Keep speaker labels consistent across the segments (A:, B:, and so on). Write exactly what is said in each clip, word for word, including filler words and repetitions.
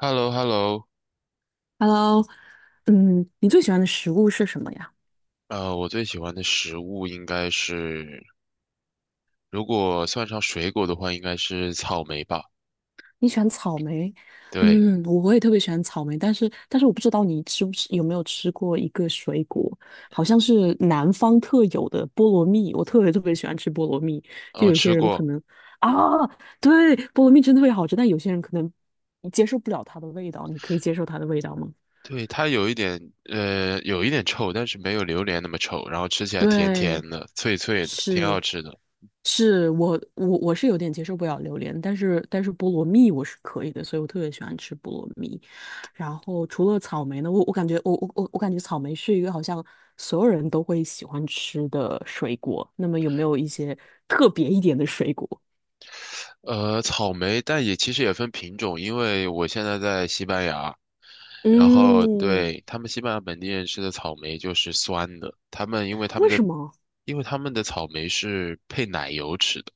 A: h e l l o h e l l o
B: Hello，嗯，你最喜欢的食物是什么呀？
A: 呃，我最喜欢的食物应该是，如果算上水果的话，应该是草莓吧。
B: 你喜欢草莓？
A: 对，
B: 嗯，我也特别喜欢草莓，但是但是我不知道你吃不吃，有没有吃过一个水果，好像是南方特有的菠萝蜜，我特别特别喜欢吃菠萝蜜。就
A: 哦，
B: 有些
A: 吃
B: 人可
A: 过，
B: 能啊，对，菠萝蜜真的特别好吃，但有些人可能你接受不了它的味道，你可以接受它的味道吗？
A: 对，它有一点，呃，有一点臭，但是没有榴莲那么臭，然后吃起来甜甜
B: 对，
A: 的、脆脆的，挺
B: 是。
A: 好吃的。
B: 是我我我是有点接受不了榴莲，但是但是菠萝蜜我是可以的，所以我特别喜欢吃菠萝蜜。然后除了草莓呢，我我感觉我我我我感觉草莓是一个好像所有人都会喜欢吃的水果。那么有没有一些特别一点的水果？
A: 呃，草莓，但也其实也分品种，因为我现在在西班牙，然后
B: 嗯，
A: 对，他们西班牙本地人吃的草莓就是酸的，他们因为他们
B: 为
A: 的，
B: 什么？
A: 因为他们的草莓是配奶油吃的。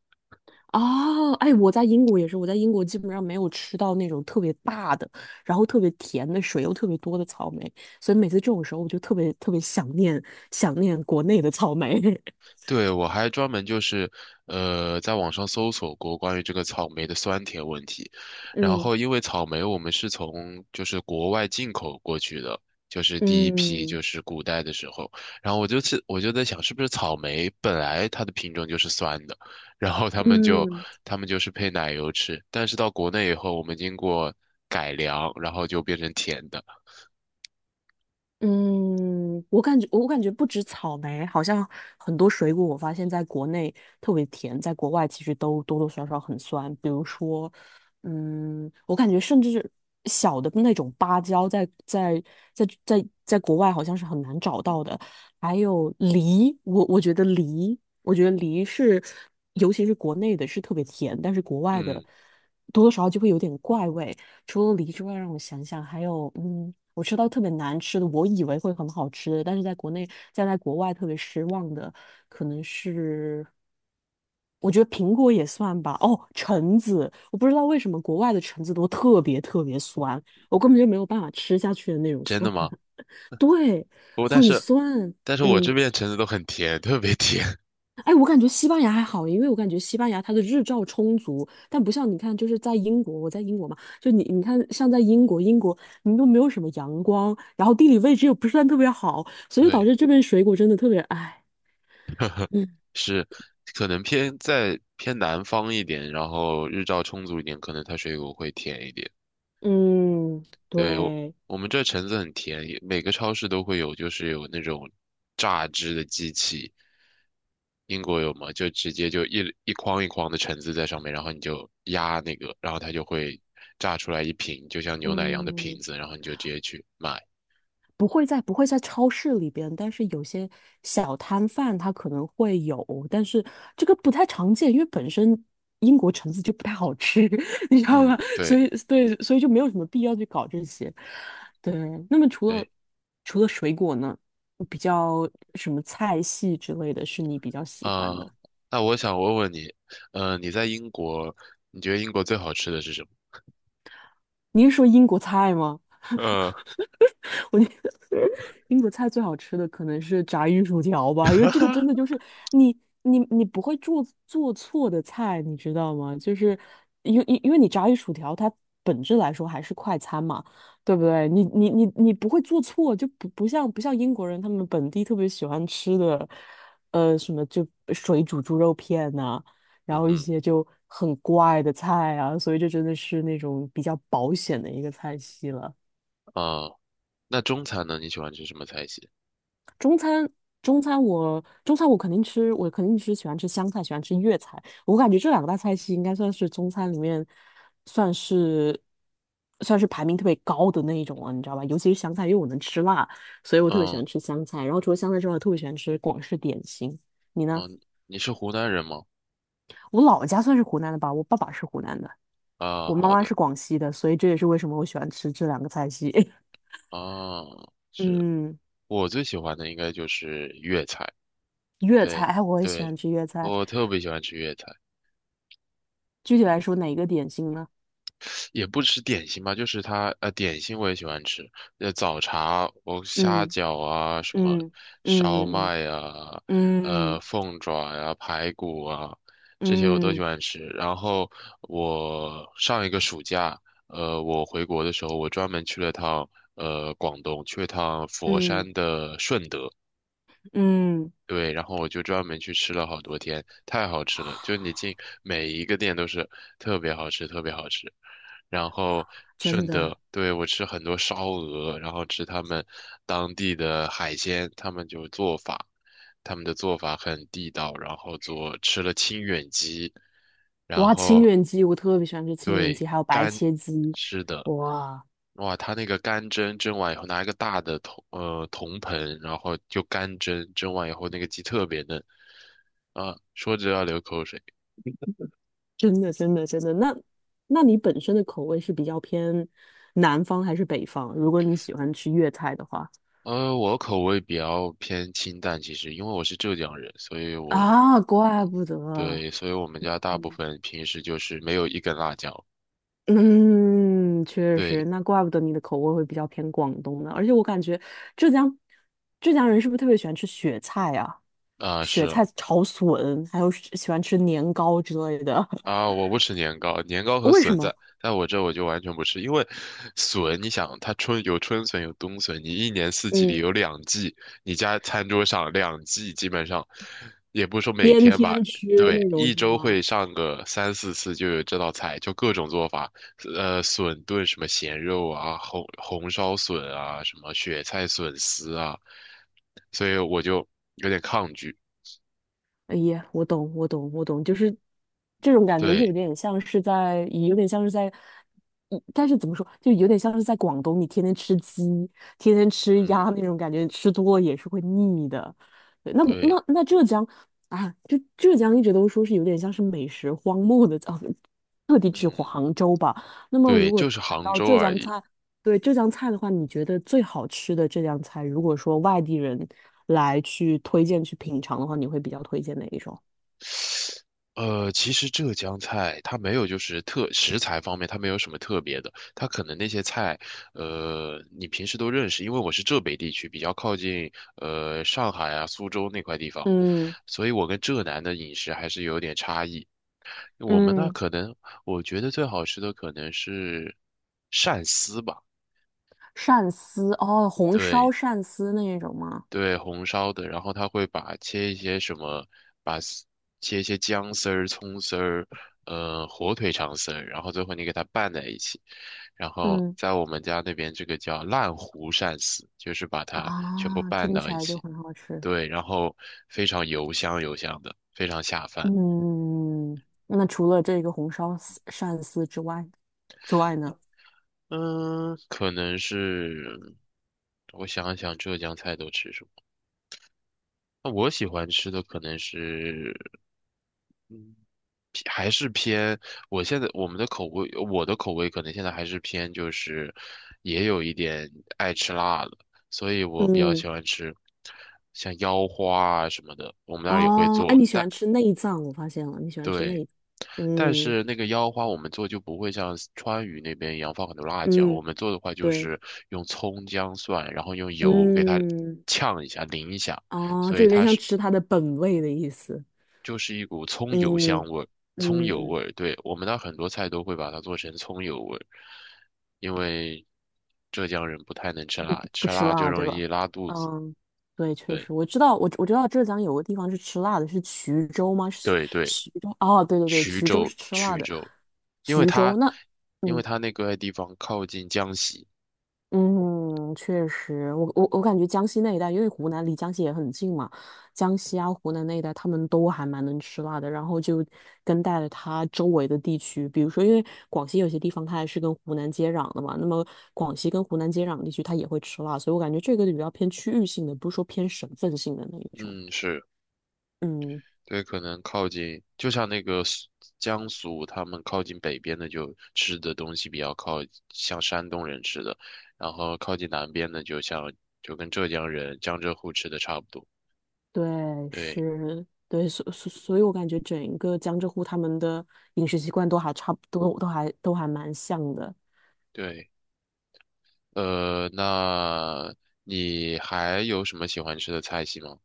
B: 哦，哎，我在英国也是，我在英国基本上没有吃到那种特别大的，然后特别甜的水又特别多的草莓，所以每次这种时候我就特别特别想念想念国内的草莓。
A: 对，我还专门就是，呃，在网上搜索过关于这个草莓的酸甜问题。然
B: 嗯
A: 后，因为草莓我们是从就是国外进口过去的，就是第一批就
B: 嗯
A: 是古代的时候。然后我就是我就在想，是不是草莓本来它的品种就是酸的，然后他们就
B: 嗯。
A: 他们就是配奶油吃。但是到国内以后，我们经过改良，然后就变成甜的。
B: 嗯，我感觉我感觉不止草莓，好像很多水果，我发现在国内特别甜，在国外其实都多多少少很酸。比如说，嗯，我感觉甚至小的那种芭蕉在，在在在在国外好像是很难找到的。还有梨，我我觉得梨，我觉得梨是，尤其是国内的是特别甜，但是国外的
A: 嗯，
B: 多多少少就会有点怪味。除了梨之外，让我想想，还有，嗯，我吃到特别难吃的，我以为会很好吃的，但是在国内，在在国外特别失望的，可能是我觉得苹果也算吧。哦，橙子，我不知道为什么国外的橙子都特别特别酸，我根本就没有办法吃下去的那种
A: 真的
B: 酸。
A: 吗？
B: 对，
A: 不过但
B: 很
A: 是
B: 酸。
A: 但是我这
B: 嗯，
A: 边橙子都很甜，特别甜。
B: 哎，我感觉西班牙还好，因为我感觉西班牙它的日照充足，但不像你看，就是在英国，我在英国嘛，就你你看，像在英国，英国你都没有什么阳光，然后地理位置又不算特别好，所以就导
A: 对。
B: 致这边水果真的特别，哎，嗯，
A: 是可能偏在偏南方一点，然后日照充足一点，可能它水果会甜一点。
B: 嗯，
A: 对，我
B: 对，
A: 我们这橙子很甜，也每个超市都会有，就是有那种榨汁的机器。英国有吗？就直接就一一筐一筐的橙子在上面，然后你就压那个，然后它就会榨出来一瓶，就像牛奶一样的瓶
B: 嗯，
A: 子，然后你就直接去买。
B: 不会在不会在超市里边，但是有些小摊贩它可能会有，但是这个不太常见，因为本身英国橙子就不太好吃，你知道吗？
A: 嗯，
B: 所
A: 对
B: 以对，所以就没有什么必要去搞这些。对，那么除了
A: 对
B: 除了水果呢，比较什么菜系之类的是你比较喜欢
A: 啊，
B: 的？
A: 那我想问问你，呃，你在英国，你觉得英国最好吃的是什么？
B: 你是说英国菜吗？
A: 呃，
B: 我觉得 英国菜最好吃的可能是炸鱼薯条吧，因为这个真的就是你你你不会做做错的菜，你知道吗？就是因为因因为你炸鱼薯条它本质来说还是快餐嘛，对不对？你你你你不会做错，就不不像不像英国人他们本地特别喜欢吃的，呃，什么就水煮猪肉片呐、然
A: 嗯
B: 后一
A: 哼，
B: 些就很怪的菜啊，所以这真的是那种比较保险的一个菜系了。
A: 啊、那中餐呢？你喜欢吃什么菜系？
B: 中餐，中餐我中餐我肯定吃，我肯定吃喜欢吃湘菜，喜欢吃粤菜。我感觉这两个大菜系应该算是中餐里面算是算是排名特别高的那一种了，你知道吧？尤其是湘菜，因为我能吃辣，所以我特别喜
A: 嗯
B: 欢吃湘菜。然后除了湘菜之外，我特别喜欢吃广式点心。你呢？
A: 嗯，你是湖南人吗？
B: 我老家算是湖南的吧，我爸爸是湖南的，
A: 啊，
B: 我妈
A: 好
B: 妈
A: 的，
B: 是广西的，所以这也是为什么我喜欢吃这两个菜系。
A: 啊，是
B: 嗯，
A: 我最喜欢的应该就是粤菜，
B: 粤菜，
A: 对
B: 哎，我也喜
A: 对，
B: 欢吃粤菜。
A: 我特别喜欢吃粤菜。
B: 具体来说，哪一个点心呢？
A: 也不吃点心吧，就是它呃，点心我也喜欢吃，呃，早茶，我虾
B: 嗯。
A: 饺啊，什么
B: 嗯
A: 烧
B: 嗯
A: 麦啊，呃，
B: 嗯
A: 凤爪呀、排骨啊，这些我都喜
B: 嗯
A: 欢吃。然后我上一个暑假，呃，我回国的时候，我专门去了趟呃广东，去了趟佛
B: 嗯
A: 山的顺德。
B: 嗯，
A: 对，然后我就专门去吃了好多天，太好吃了！就你进每一个店都是特别好吃，特别好吃。然后
B: 真
A: 顺
B: 的，
A: 德，对，我吃很多烧鹅，然后吃他们当地的海鲜，他们就做法，他们的做法很地道，然后做吃了清远鸡，然
B: 哇，清
A: 后
B: 远鸡，我特别喜欢吃清远鸡，
A: 对
B: 还有白
A: 干，
B: 切鸡，
A: 是的，
B: 哇，
A: 哇，他那个干蒸蒸完以后，拿一个大的铜呃铜盆，然后就干蒸，蒸完以后那个鸡特别嫩啊，说着要流口水。
B: 真的真的真的，那那你本身的口味是比较偏南方还是北方？如果你喜欢吃粤菜的话，
A: 呃，我口味比较偏清淡，其实因为我是浙江人，所以我
B: 啊，怪不得。
A: 对，所以我们家大部分平时就是没有一根辣椒。
B: 嗯，确实，
A: 对，
B: 那怪不得你的口味会比较偏广东呢。而且我感觉浙江浙江人是不是特别喜欢吃雪菜啊？
A: 啊、是
B: 雪
A: 啊
B: 菜炒笋，还有喜喜欢吃年糕之类的。
A: 啊，我不吃年糕，年糕和
B: 为什
A: 笋在
B: 么？
A: 在我这我就完全不吃，因为笋，你想它春有春笋有冬笋，你一年四季里
B: 嗯，
A: 有两季，你家餐桌上两季基本上，也不是说每
B: 天
A: 天吧，
B: 天吃
A: 对，
B: 那种
A: 一
B: 是
A: 周
B: 吗？
A: 会上个三四次就有这道菜，就各种做法，呃，笋炖什么咸肉啊，红红烧笋啊，什么雪菜笋丝啊，所以我就有点抗拒，
B: 哎呀，我懂，我懂，我懂，就是这种感觉，又有
A: 对，
B: 点像是在，有点像是在，嗯但是怎么说，就有点像是在广东，你天天吃鸡，天天吃鸭
A: 嗯，
B: 那种感觉，吃多了也是会腻的。对，那
A: 对。
B: 那那浙江啊，就浙江一直都说是有点像是美食荒漠的，哦，特地指
A: 嗯。
B: 杭州吧。那么如
A: 对，
B: 果
A: 就是
B: 谈
A: 杭
B: 到
A: 州
B: 浙
A: 而
B: 江
A: 已。
B: 菜，对浙江菜的话，你觉得最好吃的浙江菜，如果说外地人来去推荐去品尝的话，你会比较推荐哪一种？
A: 呃，其实浙江菜它没有，就是特食材方面它没有什么特别的，它可能那些菜，呃，你平时都认识，因为我是浙北地区，比较靠近呃上海啊、苏州那块地方，
B: 嗯
A: 所以我跟浙南的饮食还是有点差异。我们那
B: 嗯，
A: 可能，我觉得最好吃的可能是鳝丝吧，
B: 鳝丝哦，红烧
A: 对，
B: 鳝丝那一种吗？
A: 对，红烧的，然后他会把切一些什么，把丝切一些姜丝儿、葱丝儿，呃，火腿肠丝儿，然后最后你给它拌在一起，然后
B: 嗯
A: 在我们家那边这个叫烂糊鳝丝，就是把它全部
B: 啊，
A: 拌
B: 听
A: 到
B: 起
A: 一
B: 来就
A: 起，
B: 很好吃。
A: 对，然后非常油香油香的，非常下饭。
B: 嗯，那除了这个红烧丝鳝丝之外之外呢？
A: 嗯，可能是我想一想，浙江菜都吃什么？那我喜欢吃的可能是偏还是偏，我现在我们的口味，我的口味可能现在还是偏就是，也有一点爱吃辣的，所以我比较
B: 嗯
A: 喜欢吃像腰花啊什么的，我们那儿也会
B: 哦，哎，
A: 做，
B: 你喜
A: 但
B: 欢吃内脏，我发现了，你喜欢吃
A: 对，
B: 内，
A: 但
B: 嗯
A: 是那个腰花我们做就不会像川渝那边一样放很多辣椒，我
B: 嗯，
A: 们做的话就
B: 对，
A: 是用葱姜蒜，然后用油给它
B: 嗯。
A: 呛一下淋一下，
B: 哦，
A: 所
B: 就
A: 以
B: 有点
A: 它
B: 像
A: 是。
B: 吃它的本味的意思。
A: 就是一股葱油香
B: 嗯
A: 味儿，葱油
B: 嗯，
A: 味儿。对，我们那很多菜都会把它做成葱油味儿，因为浙江人不太能吃辣，
B: 不
A: 吃
B: 吃
A: 辣就
B: 辣，对
A: 容
B: 吧？
A: 易拉肚子。
B: 嗯，对，确
A: 对
B: 实，我知道，我我知道浙江有个地方是吃辣的，是衢州吗？是
A: 对对，
B: 徐州？哦，对对对，
A: 衢
B: 衢州
A: 州
B: 是吃辣
A: 衢
B: 的。
A: 州，因为
B: 衢州
A: 它
B: 那，
A: 因为
B: 嗯，
A: 它那个地方靠近江西，
B: 嗯，确实，我我我感觉江西那一带，因为湖南离江西也很近嘛，江西啊、湖南那一带，他们都还蛮能吃辣的。然后就跟带了它周围的地区，比如说，因为广西有些地方它还是跟湖南接壤的嘛，那么广西跟湖南接壤的地区它也会吃辣，所以我感觉这个比较偏区域性的，不是说偏省份性的那一种。
A: 嗯，是。
B: 嗯，
A: 对，可能靠近，就像那个苏江苏，他们靠近北边的就吃的东西比较靠像山东人吃的，然后靠近南边的就像就跟浙江人、江浙沪吃的差不多。
B: 对，
A: 对
B: 是，对，所所所以，我感觉整个江浙沪他们的饮食习惯都还差不多，都还都还蛮像的。
A: 对，呃，那你还有什么喜欢吃的菜系吗？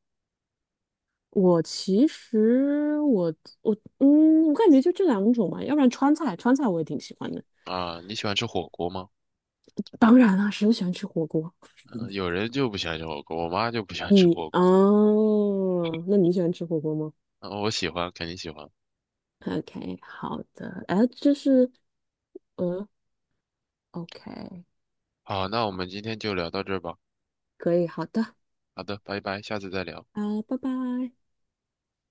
B: 我其实我我嗯，我感觉就这两种吧，要不然川菜，川菜我也挺喜欢的。
A: 啊，你喜欢吃火锅吗？
B: 当然了，谁不喜欢吃火锅？
A: 呃有人就不喜欢吃火锅，我妈就不喜欢吃
B: 你
A: 火锅。
B: 哦，那你喜欢吃火锅吗
A: 啊我喜欢，肯定喜欢。
B: ？OK，好的，哎，这是呃，OK，
A: 好，那我们今天就聊到这儿吧。
B: 可以，好的，
A: 好的，拜拜，下次再聊。
B: 啊，拜拜。